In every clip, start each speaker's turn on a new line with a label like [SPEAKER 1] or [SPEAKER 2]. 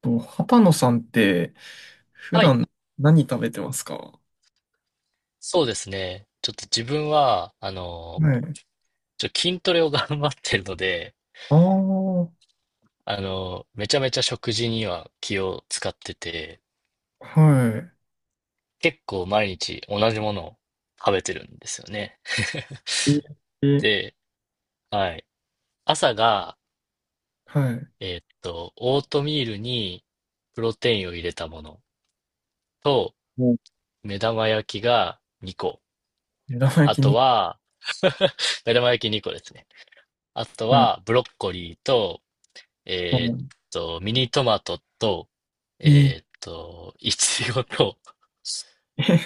[SPEAKER 1] と、畑野さんって、普
[SPEAKER 2] はい、
[SPEAKER 1] 段何食べてますか？
[SPEAKER 2] そうですね。ちょっと自分は、
[SPEAKER 1] はい。
[SPEAKER 2] 筋トレを 頑張ってるので、
[SPEAKER 1] ああ、
[SPEAKER 2] めちゃめちゃ食事には気を使ってて、
[SPEAKER 1] は
[SPEAKER 2] 結構毎日同じものを食べてるんですよね。
[SPEAKER 1] い。ええ、
[SPEAKER 2] で、はい。朝が、
[SPEAKER 1] はい。
[SPEAKER 2] オートミールにプロテインを入れたものと、
[SPEAKER 1] もう
[SPEAKER 2] 目玉焼きが2個。
[SPEAKER 1] 目玉焼
[SPEAKER 2] あ
[SPEAKER 1] き
[SPEAKER 2] と
[SPEAKER 1] に、
[SPEAKER 2] は、目玉焼き2個ですね。あと
[SPEAKER 1] はい。
[SPEAKER 2] は、ブロッコリーと
[SPEAKER 1] も
[SPEAKER 2] えーっ
[SPEAKER 1] う、
[SPEAKER 2] ミニトマトと、
[SPEAKER 1] ええ、
[SPEAKER 2] いちごと、
[SPEAKER 1] え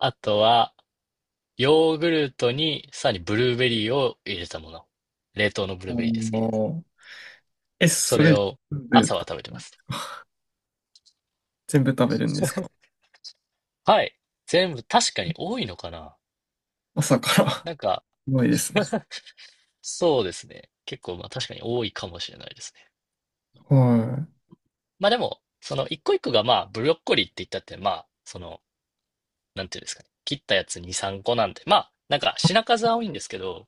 [SPEAKER 2] あとは、ヨーグルトに、さらにブルーベリーを入れたもの。冷凍のブ
[SPEAKER 1] あ
[SPEAKER 2] ルーベリーですね。
[SPEAKER 1] の、
[SPEAKER 2] そ
[SPEAKER 1] そ
[SPEAKER 2] れ
[SPEAKER 1] れ、
[SPEAKER 2] を、
[SPEAKER 1] 部、
[SPEAKER 2] 朝は食べてます。
[SPEAKER 1] 全部食べるんですか？
[SPEAKER 2] はい。全部、確かに多いのかな。
[SPEAKER 1] 朝から。
[SPEAKER 2] なんか、
[SPEAKER 1] すごいですね。
[SPEAKER 2] そうですね。結構、まあ確かに多いかもしれないですね。
[SPEAKER 1] は
[SPEAKER 2] まあでも、その一個一個がまあ、ブロッコリーって言ったって、まあ、その、なんていうんですかね。切ったやつ2、3個なんで、まあ、なんか品数は多いんですけど、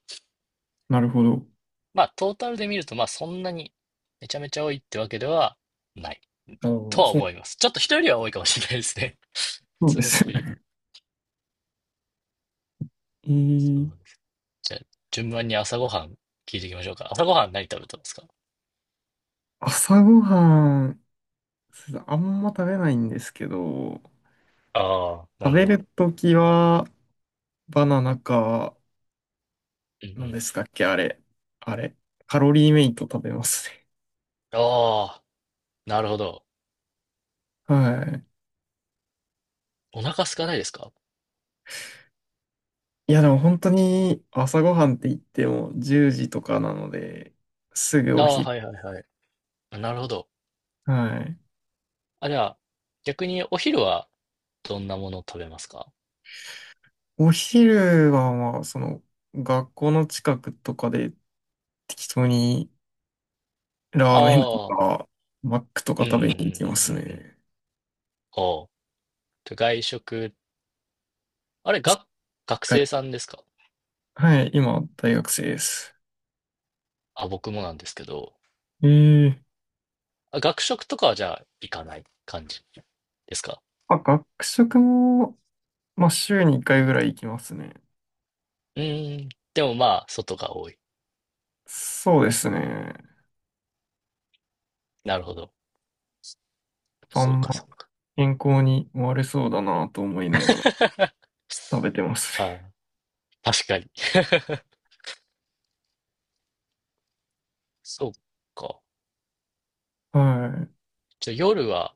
[SPEAKER 1] い。なるほど。
[SPEAKER 2] まあ、トータルで見ると、まあ、そんなにめちゃめちゃ多いってわけではない
[SPEAKER 1] あの、
[SPEAKER 2] とは
[SPEAKER 1] そ
[SPEAKER 2] 思
[SPEAKER 1] う、
[SPEAKER 2] います。ちょっと人よりは多いかもしれないですね。普
[SPEAKER 1] そうで
[SPEAKER 2] 通の
[SPEAKER 1] す
[SPEAKER 2] 人
[SPEAKER 1] よ
[SPEAKER 2] よりは。
[SPEAKER 1] ね。え
[SPEAKER 2] そ
[SPEAKER 1] え、
[SPEAKER 2] うです。じゃあ、順番に朝ごはん聞いていきましょうか。朝ごはん何食べたんですか？
[SPEAKER 1] 朝ごはん、そうだあんま食べないんですけど、
[SPEAKER 2] ああ、な
[SPEAKER 1] 食
[SPEAKER 2] るほ
[SPEAKER 1] べ
[SPEAKER 2] ど。
[SPEAKER 1] るときは、バナナか、
[SPEAKER 2] うんう
[SPEAKER 1] 何
[SPEAKER 2] ん。
[SPEAKER 1] ですかっけ、あれ。あれ。カロリーメイト食べますね。
[SPEAKER 2] ああ、なるほど。
[SPEAKER 1] はい。
[SPEAKER 2] お腹空かないですか？
[SPEAKER 1] いや、でも本当に朝ごはんって言っても10時とかなので、すぐ
[SPEAKER 2] あ
[SPEAKER 1] お
[SPEAKER 2] あ、
[SPEAKER 1] 昼。
[SPEAKER 2] はいはいはい。あなるほど。
[SPEAKER 1] はい。
[SPEAKER 2] あ、じゃあ、逆にお昼はどんなものを食べますか？
[SPEAKER 1] お昼はまあ、その、学校の近くとかで適当にラーメンと
[SPEAKER 2] ああ、
[SPEAKER 1] か、マックとか
[SPEAKER 2] うんうんうん、
[SPEAKER 1] 食
[SPEAKER 2] うん
[SPEAKER 1] べに行きます
[SPEAKER 2] うんうん。
[SPEAKER 1] ね。
[SPEAKER 2] おう。と外食、あれ、が、学
[SPEAKER 1] はい、
[SPEAKER 2] 生さんですか？
[SPEAKER 1] はい。今、大学生です。
[SPEAKER 2] あ、僕もなんですけど、
[SPEAKER 1] ええ、
[SPEAKER 2] あ、学食とかはじゃあ行かない感じですか？
[SPEAKER 1] まあ、学食も、まあ、週に1回ぐらい行きますね。
[SPEAKER 2] うーん。でもまあ、外が多い。
[SPEAKER 1] そうですね。
[SPEAKER 2] なるほど。
[SPEAKER 1] あ
[SPEAKER 2] そう
[SPEAKER 1] ん
[SPEAKER 2] か、そ
[SPEAKER 1] ま
[SPEAKER 2] うか。
[SPEAKER 1] 健康に悪そうだなと思いながら食べてます
[SPEAKER 2] あ
[SPEAKER 1] ね。
[SPEAKER 2] あ、確かに。そうか。
[SPEAKER 1] は
[SPEAKER 2] じゃあ夜は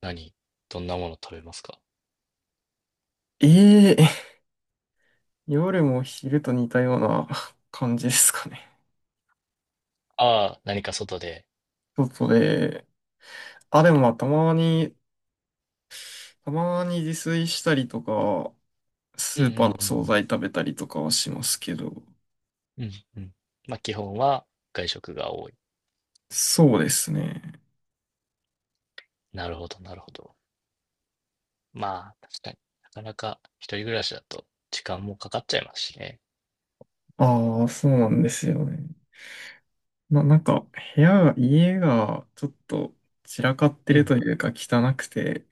[SPEAKER 2] 何、どんなもの食べますか？
[SPEAKER 1] い。ええ 夜も昼と似たような感じですかね。
[SPEAKER 2] ああ、何か外で。
[SPEAKER 1] 外で、あ、でもまあたまに、自炊したりとか、
[SPEAKER 2] う
[SPEAKER 1] ス
[SPEAKER 2] んう
[SPEAKER 1] ー
[SPEAKER 2] ん
[SPEAKER 1] パーの
[SPEAKER 2] う
[SPEAKER 1] 惣
[SPEAKER 2] ん
[SPEAKER 1] 菜食べたりとかはしますけど、
[SPEAKER 2] うん。うんうん。まあ基本は外食が多い。
[SPEAKER 1] そうですね。
[SPEAKER 2] なるほど、なるほど。まあ、確かに。なかなか一人暮らしだと時間もかかっちゃいますしね。
[SPEAKER 1] ああ、そうなんですよね。なんか部屋が、家がちょっと散らかって
[SPEAKER 2] う
[SPEAKER 1] る
[SPEAKER 2] ん。
[SPEAKER 1] というか汚くて、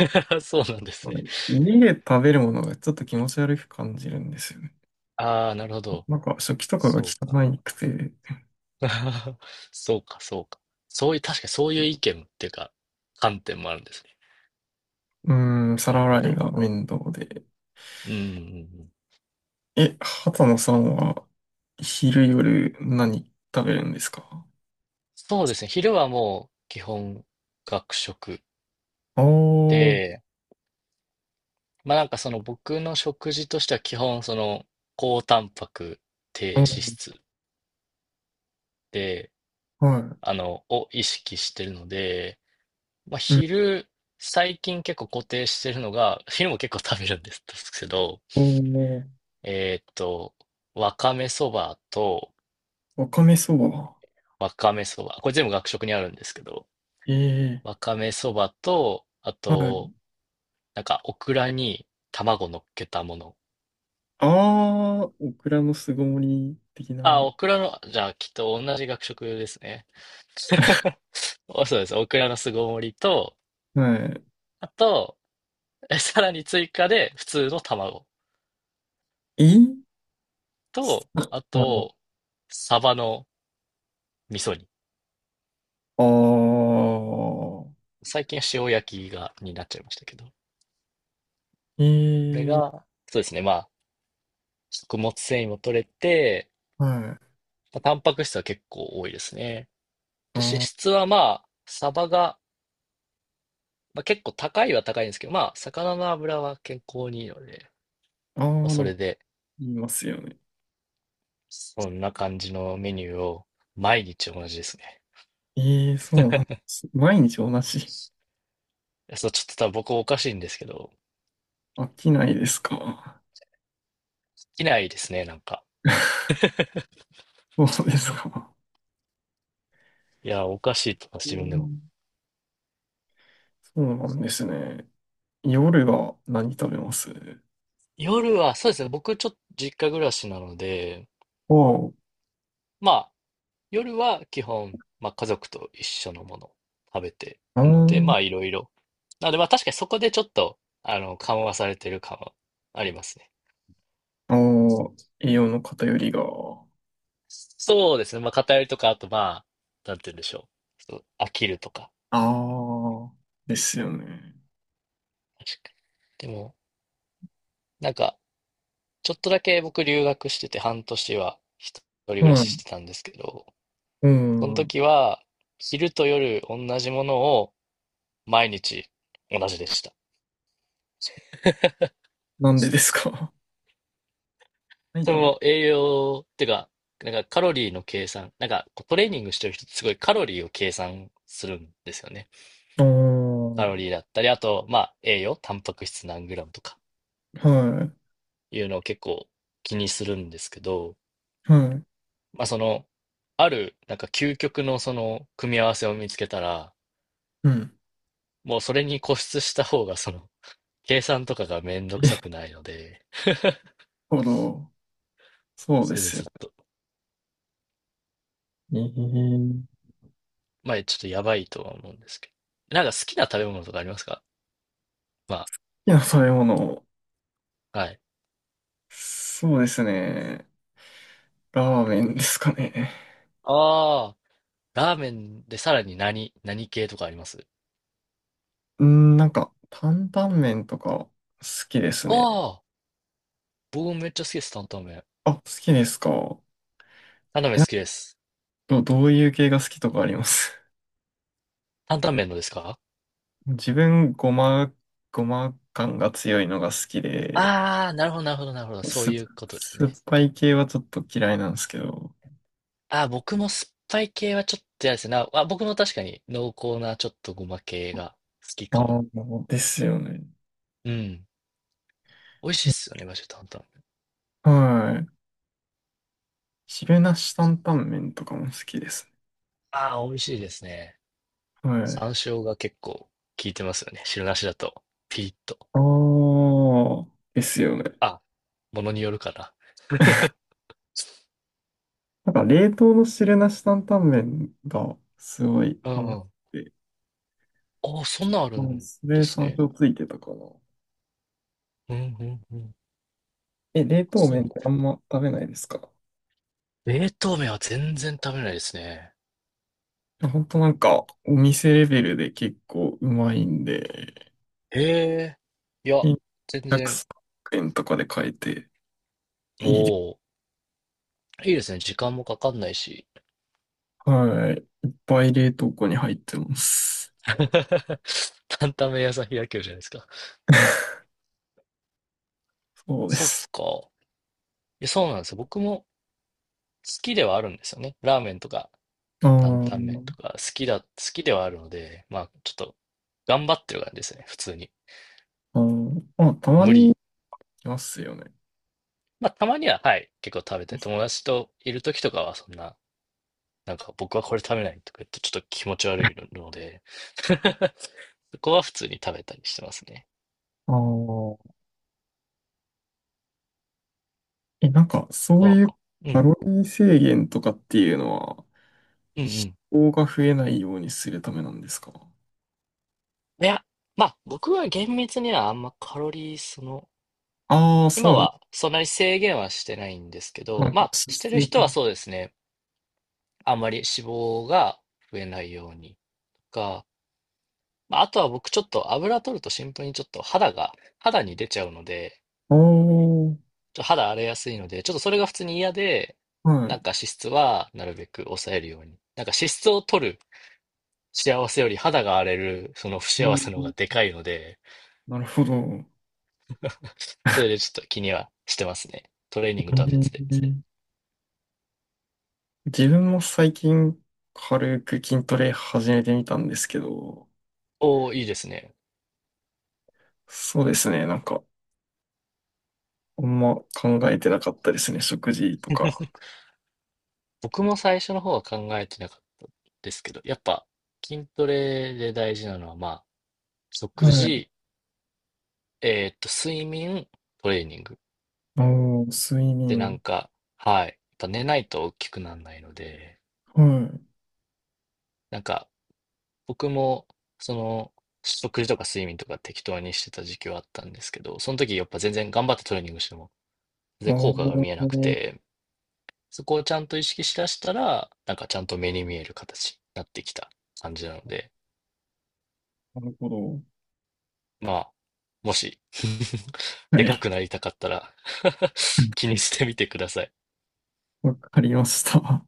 [SPEAKER 2] そうなんですね。
[SPEAKER 1] 家で食べるものがちょっと気持ち悪く感じるんですよね。
[SPEAKER 2] ああ、なるほど。
[SPEAKER 1] なんか食器とかが
[SPEAKER 2] そうか。
[SPEAKER 1] 汚くて、う
[SPEAKER 2] そうか、そうか。そういう、確かにそういう意見っていうか、観点もあるんですね。
[SPEAKER 1] ーん、
[SPEAKER 2] な
[SPEAKER 1] 皿
[SPEAKER 2] るほ
[SPEAKER 1] 洗いが
[SPEAKER 2] ど。
[SPEAKER 1] 面倒で。
[SPEAKER 2] うんうんうん。
[SPEAKER 1] 畑野さんは昼夜何食べるんですか？
[SPEAKER 2] そうですね。昼はもう基本学食
[SPEAKER 1] あー、
[SPEAKER 2] で、まあなんかその僕の食事としては基本その高タンパク低
[SPEAKER 1] あ
[SPEAKER 2] 脂
[SPEAKER 1] ー、
[SPEAKER 2] 質で、
[SPEAKER 1] は
[SPEAKER 2] を意識してるので、まあ、
[SPEAKER 1] い。うん。
[SPEAKER 2] 昼、最近結構固定してるのが、昼も結構食べるんですけど、
[SPEAKER 1] おー、
[SPEAKER 2] えーっと、わかめそばと、
[SPEAKER 1] わかめそば。
[SPEAKER 2] わかめそば、これ全部学食にあるんですけど、
[SPEAKER 1] え
[SPEAKER 2] わ
[SPEAKER 1] え、
[SPEAKER 2] かめそばと、あ
[SPEAKER 1] は
[SPEAKER 2] と、
[SPEAKER 1] い。
[SPEAKER 2] なんか、オクラに卵乗っけたもの。
[SPEAKER 1] あー、オクラの巣ごもり的
[SPEAKER 2] あ、
[SPEAKER 1] な。
[SPEAKER 2] オクラの、じゃあ、きっと同じ学食ですね。おそうです。オクラの巣ごもりと、
[SPEAKER 1] は
[SPEAKER 2] あと、えさらに追加で、普通の卵
[SPEAKER 1] い。
[SPEAKER 2] と、あ
[SPEAKER 1] ああ
[SPEAKER 2] と、サバの味噌煮。最近は塩焼きが、になっちゃいましたけど。これ
[SPEAKER 1] ー、ええ、
[SPEAKER 2] が、そうですね。まあ、食物繊維も取れて、
[SPEAKER 1] はい。
[SPEAKER 2] まあ、タンパク質は結構多いですね。
[SPEAKER 1] あ
[SPEAKER 2] で、脂
[SPEAKER 1] あ、
[SPEAKER 2] 質はまあ、サバが、まあ、結構高いは高いんですけど、まあ、魚の油は健康にいいので、
[SPEAKER 1] あ
[SPEAKER 2] まあ、
[SPEAKER 1] あ、
[SPEAKER 2] そ
[SPEAKER 1] なん
[SPEAKER 2] れ
[SPEAKER 1] か
[SPEAKER 2] で、
[SPEAKER 1] 言いますよね。
[SPEAKER 2] そんな感じのメニューを毎日同じですね。
[SPEAKER 1] ええ、そうなんです。毎日同じ。
[SPEAKER 2] いやそう、ちょっと多分僕おかしいんですけど、
[SPEAKER 1] 飽きないですか。
[SPEAKER 2] いきないですね、なんか。
[SPEAKER 1] そうですか。
[SPEAKER 2] いや、おかしいと思います、
[SPEAKER 1] う
[SPEAKER 2] 自分でも。
[SPEAKER 1] ん。そうなんですね。夜は何食べます？
[SPEAKER 2] 夜は、そうですね、僕ちょっと実家暮らしなので、
[SPEAKER 1] おう。
[SPEAKER 2] まあ、夜は基本、まあ、家族と一緒のものを食べて
[SPEAKER 1] あ
[SPEAKER 2] るので、
[SPEAKER 1] ー、
[SPEAKER 2] まあいろいろ。なのでまあ確かにそこでちょっと、緩和されてる感はありますね。
[SPEAKER 1] あー、栄養の偏りが。
[SPEAKER 2] そうですね。まあ偏りとか、あとまあ、なんて言うんでしょう。ちょっと飽きるとか。
[SPEAKER 1] ああ、ですよね。
[SPEAKER 2] 確かに。でも、なんか、ちょっとだけ僕留学してて半年は一人暮ら
[SPEAKER 1] は
[SPEAKER 2] しして
[SPEAKER 1] い。
[SPEAKER 2] たんですけど、
[SPEAKER 1] う
[SPEAKER 2] その
[SPEAKER 1] ん。
[SPEAKER 2] 時は昼と夜同じものを毎日同じでした。
[SPEAKER 1] なんでですか？ 何
[SPEAKER 2] そ
[SPEAKER 1] 食べる。
[SPEAKER 2] の栄養っていうか、なんかカロリーの計算、なんかこうトレーニングしてる人ってすごいカロリーを計算するんですよね。
[SPEAKER 1] ああ
[SPEAKER 2] カロ
[SPEAKER 1] ー、
[SPEAKER 2] リーだったり、あと、まあ栄養、タンパク質何グラムとか
[SPEAKER 1] はい。
[SPEAKER 2] いうのを結構気にするんですけど、
[SPEAKER 1] はい。
[SPEAKER 2] まあその、ある、なんか究極のその組み合わせを見つけたら、
[SPEAKER 1] うん。なる
[SPEAKER 2] もうそれに固執した方がその、計算とかがめんどくさくないので、
[SPEAKER 1] ほど。そうで
[SPEAKER 2] それで
[SPEAKER 1] すよ
[SPEAKER 2] ずっと、
[SPEAKER 1] ね。ええ、好
[SPEAKER 2] まあちょっとやばいとは思うんですけど。なんか好きな食べ物とかありますか？ま
[SPEAKER 1] きな食べ物。
[SPEAKER 2] あ、はい。
[SPEAKER 1] そうですね。ラーメンですかね。
[SPEAKER 2] ああ。ラーメンでさらに何、何系とかあります
[SPEAKER 1] うん、なんか、担々麺とか好きです
[SPEAKER 2] あ
[SPEAKER 1] ね。
[SPEAKER 2] あ、僕もめっちゃ好きです、担々麺。
[SPEAKER 1] あ、好きですか？
[SPEAKER 2] 担々麺好きです。
[SPEAKER 1] どういう系が好きとかあります？
[SPEAKER 2] 担々麺のですか？
[SPEAKER 1] 自分、ごま感が強いのが好きで、
[SPEAKER 2] ああー、なるほど、なるほど、なるほど。そう
[SPEAKER 1] す、
[SPEAKER 2] いうことです
[SPEAKER 1] 酸っ
[SPEAKER 2] ね。
[SPEAKER 1] ぱい系はちょっと嫌いなんですけど。
[SPEAKER 2] ああ、僕も酸っぱい系はちょっと嫌ですね。なあ、僕も確かに濃厚なちょっとごま系が好きかも。
[SPEAKER 1] ああ、ですよね。
[SPEAKER 2] うん。美味しいっ
[SPEAKER 1] い
[SPEAKER 2] すよね、マジで担々麺。
[SPEAKER 1] はい。汁なし担々麺とかも好きです
[SPEAKER 2] ああ、美味しいですね。
[SPEAKER 1] ね。はい。
[SPEAKER 2] 山椒が結構効いてますよね。汁なしだと。ピリッと。
[SPEAKER 1] ああ、ですよね。
[SPEAKER 2] あ、ものによるかな。
[SPEAKER 1] なんか冷凍の汁なし担々麺がすごい
[SPEAKER 2] う
[SPEAKER 1] ハ
[SPEAKER 2] ん
[SPEAKER 1] マ
[SPEAKER 2] う
[SPEAKER 1] っ
[SPEAKER 2] ん。
[SPEAKER 1] て、
[SPEAKER 2] ああ、そんなんある
[SPEAKER 1] うん。
[SPEAKER 2] ん
[SPEAKER 1] そ
[SPEAKER 2] で
[SPEAKER 1] れ
[SPEAKER 2] す
[SPEAKER 1] 山
[SPEAKER 2] ね。
[SPEAKER 1] 椒ついてたかな。
[SPEAKER 2] うんうんうん。
[SPEAKER 1] 冷凍
[SPEAKER 2] そう
[SPEAKER 1] 麺
[SPEAKER 2] なん
[SPEAKER 1] っ
[SPEAKER 2] だ。
[SPEAKER 1] てあんま食べないですか？
[SPEAKER 2] 冷凍麺は全然食べないですね。
[SPEAKER 1] ほんとなんかお店レベルで結構うまいんで、
[SPEAKER 2] へえ。いや、全然。
[SPEAKER 1] 100円とかで買えて
[SPEAKER 2] お
[SPEAKER 1] いいです。
[SPEAKER 2] お。いいですね。時間もかかんないし。
[SPEAKER 1] はい。いっぱい冷凍庫に入ってます。
[SPEAKER 2] 担々麺屋さん開けるじゃないですか。
[SPEAKER 1] そうで
[SPEAKER 2] そっ
[SPEAKER 1] す。
[SPEAKER 2] か。え、そうなんですよ。僕も好きではあるんですよね。ラーメンとか
[SPEAKER 1] う
[SPEAKER 2] 担々麺
[SPEAKER 1] ん、
[SPEAKER 2] とか好きだ、好きではあるので、まあちょっと頑張ってる感じですね。普通に。
[SPEAKER 1] うん。まあ、たま
[SPEAKER 2] 無
[SPEAKER 1] にい
[SPEAKER 2] 理。
[SPEAKER 1] ますよね。
[SPEAKER 2] まあたまには、はい、結構食べたい。友達といる時とかはそんな、なんか僕はこれ食べないとか言ってちょっと気持ち悪いので そこは普通に食べたりしてますね。
[SPEAKER 1] ああ。なんか、そう
[SPEAKER 2] こ
[SPEAKER 1] いう
[SPEAKER 2] う。う
[SPEAKER 1] カ
[SPEAKER 2] ん。
[SPEAKER 1] ロリー制限とかっていうのは、
[SPEAKER 2] うんうん。
[SPEAKER 1] 脂肪が増えないようにするためなんですか？
[SPEAKER 2] いや、まあ僕は厳密にはあんまカロリーその、
[SPEAKER 1] ああー、
[SPEAKER 2] 今
[SPEAKER 1] そう。
[SPEAKER 2] はそんなに制限はしてないんですけ
[SPEAKER 1] な
[SPEAKER 2] ど、
[SPEAKER 1] んか、
[SPEAKER 2] まあ
[SPEAKER 1] 脂
[SPEAKER 2] して
[SPEAKER 1] 質
[SPEAKER 2] る
[SPEAKER 1] を
[SPEAKER 2] 人は
[SPEAKER 1] る。
[SPEAKER 2] そうですね。あんまり脂肪が増えないようにとか、まあ、あとは僕ちょっと油取るとシンプルにちょっと肌が、肌に出ちゃうので、
[SPEAKER 1] ああ、
[SPEAKER 2] ちょっと肌荒れやすいので、ちょっとそれが普通に嫌で、
[SPEAKER 1] は
[SPEAKER 2] なん
[SPEAKER 1] い。
[SPEAKER 2] か脂質はなるべく抑えるように。なんか脂質を取る幸せより肌が荒れるその不
[SPEAKER 1] う
[SPEAKER 2] 幸
[SPEAKER 1] ん、
[SPEAKER 2] せの方がでかいので、
[SPEAKER 1] なるほど。
[SPEAKER 2] それでちょっと気にはしてますね。トレーニングとは別で。
[SPEAKER 1] ー自分も最近、軽く筋トレ始めてみたんですけど、
[SPEAKER 2] おー、いいですね。
[SPEAKER 1] そうですね。なんか、あんま考えてなかったですね。食事とか。
[SPEAKER 2] 僕も最初の方は考えてなかったですけど、やっぱ筋トレで大事なのは、まあ、食
[SPEAKER 1] はい。
[SPEAKER 2] 事、睡眠、トレーニング。
[SPEAKER 1] ああ、睡
[SPEAKER 2] で、なん
[SPEAKER 1] 眠。
[SPEAKER 2] か、はい。やっぱ寝ないと大きくならないので、
[SPEAKER 1] はい。
[SPEAKER 2] なんか、僕も、その、食事とか睡眠とか適当にしてた時期はあったんですけど、その時やっぱ全然頑張ってトレーニングしても、全
[SPEAKER 1] あ
[SPEAKER 2] 然効
[SPEAKER 1] あ、
[SPEAKER 2] 果
[SPEAKER 1] な
[SPEAKER 2] が見えなく
[SPEAKER 1] る
[SPEAKER 2] て、そこをちゃんと意識しだしたら、なんかちゃんと目に見える形になってきた感じなので、
[SPEAKER 1] ほど。
[SPEAKER 2] まあ、もし
[SPEAKER 1] は
[SPEAKER 2] でか
[SPEAKER 1] い。
[SPEAKER 2] くなりたかったら 気にしてみてください。
[SPEAKER 1] わかりました。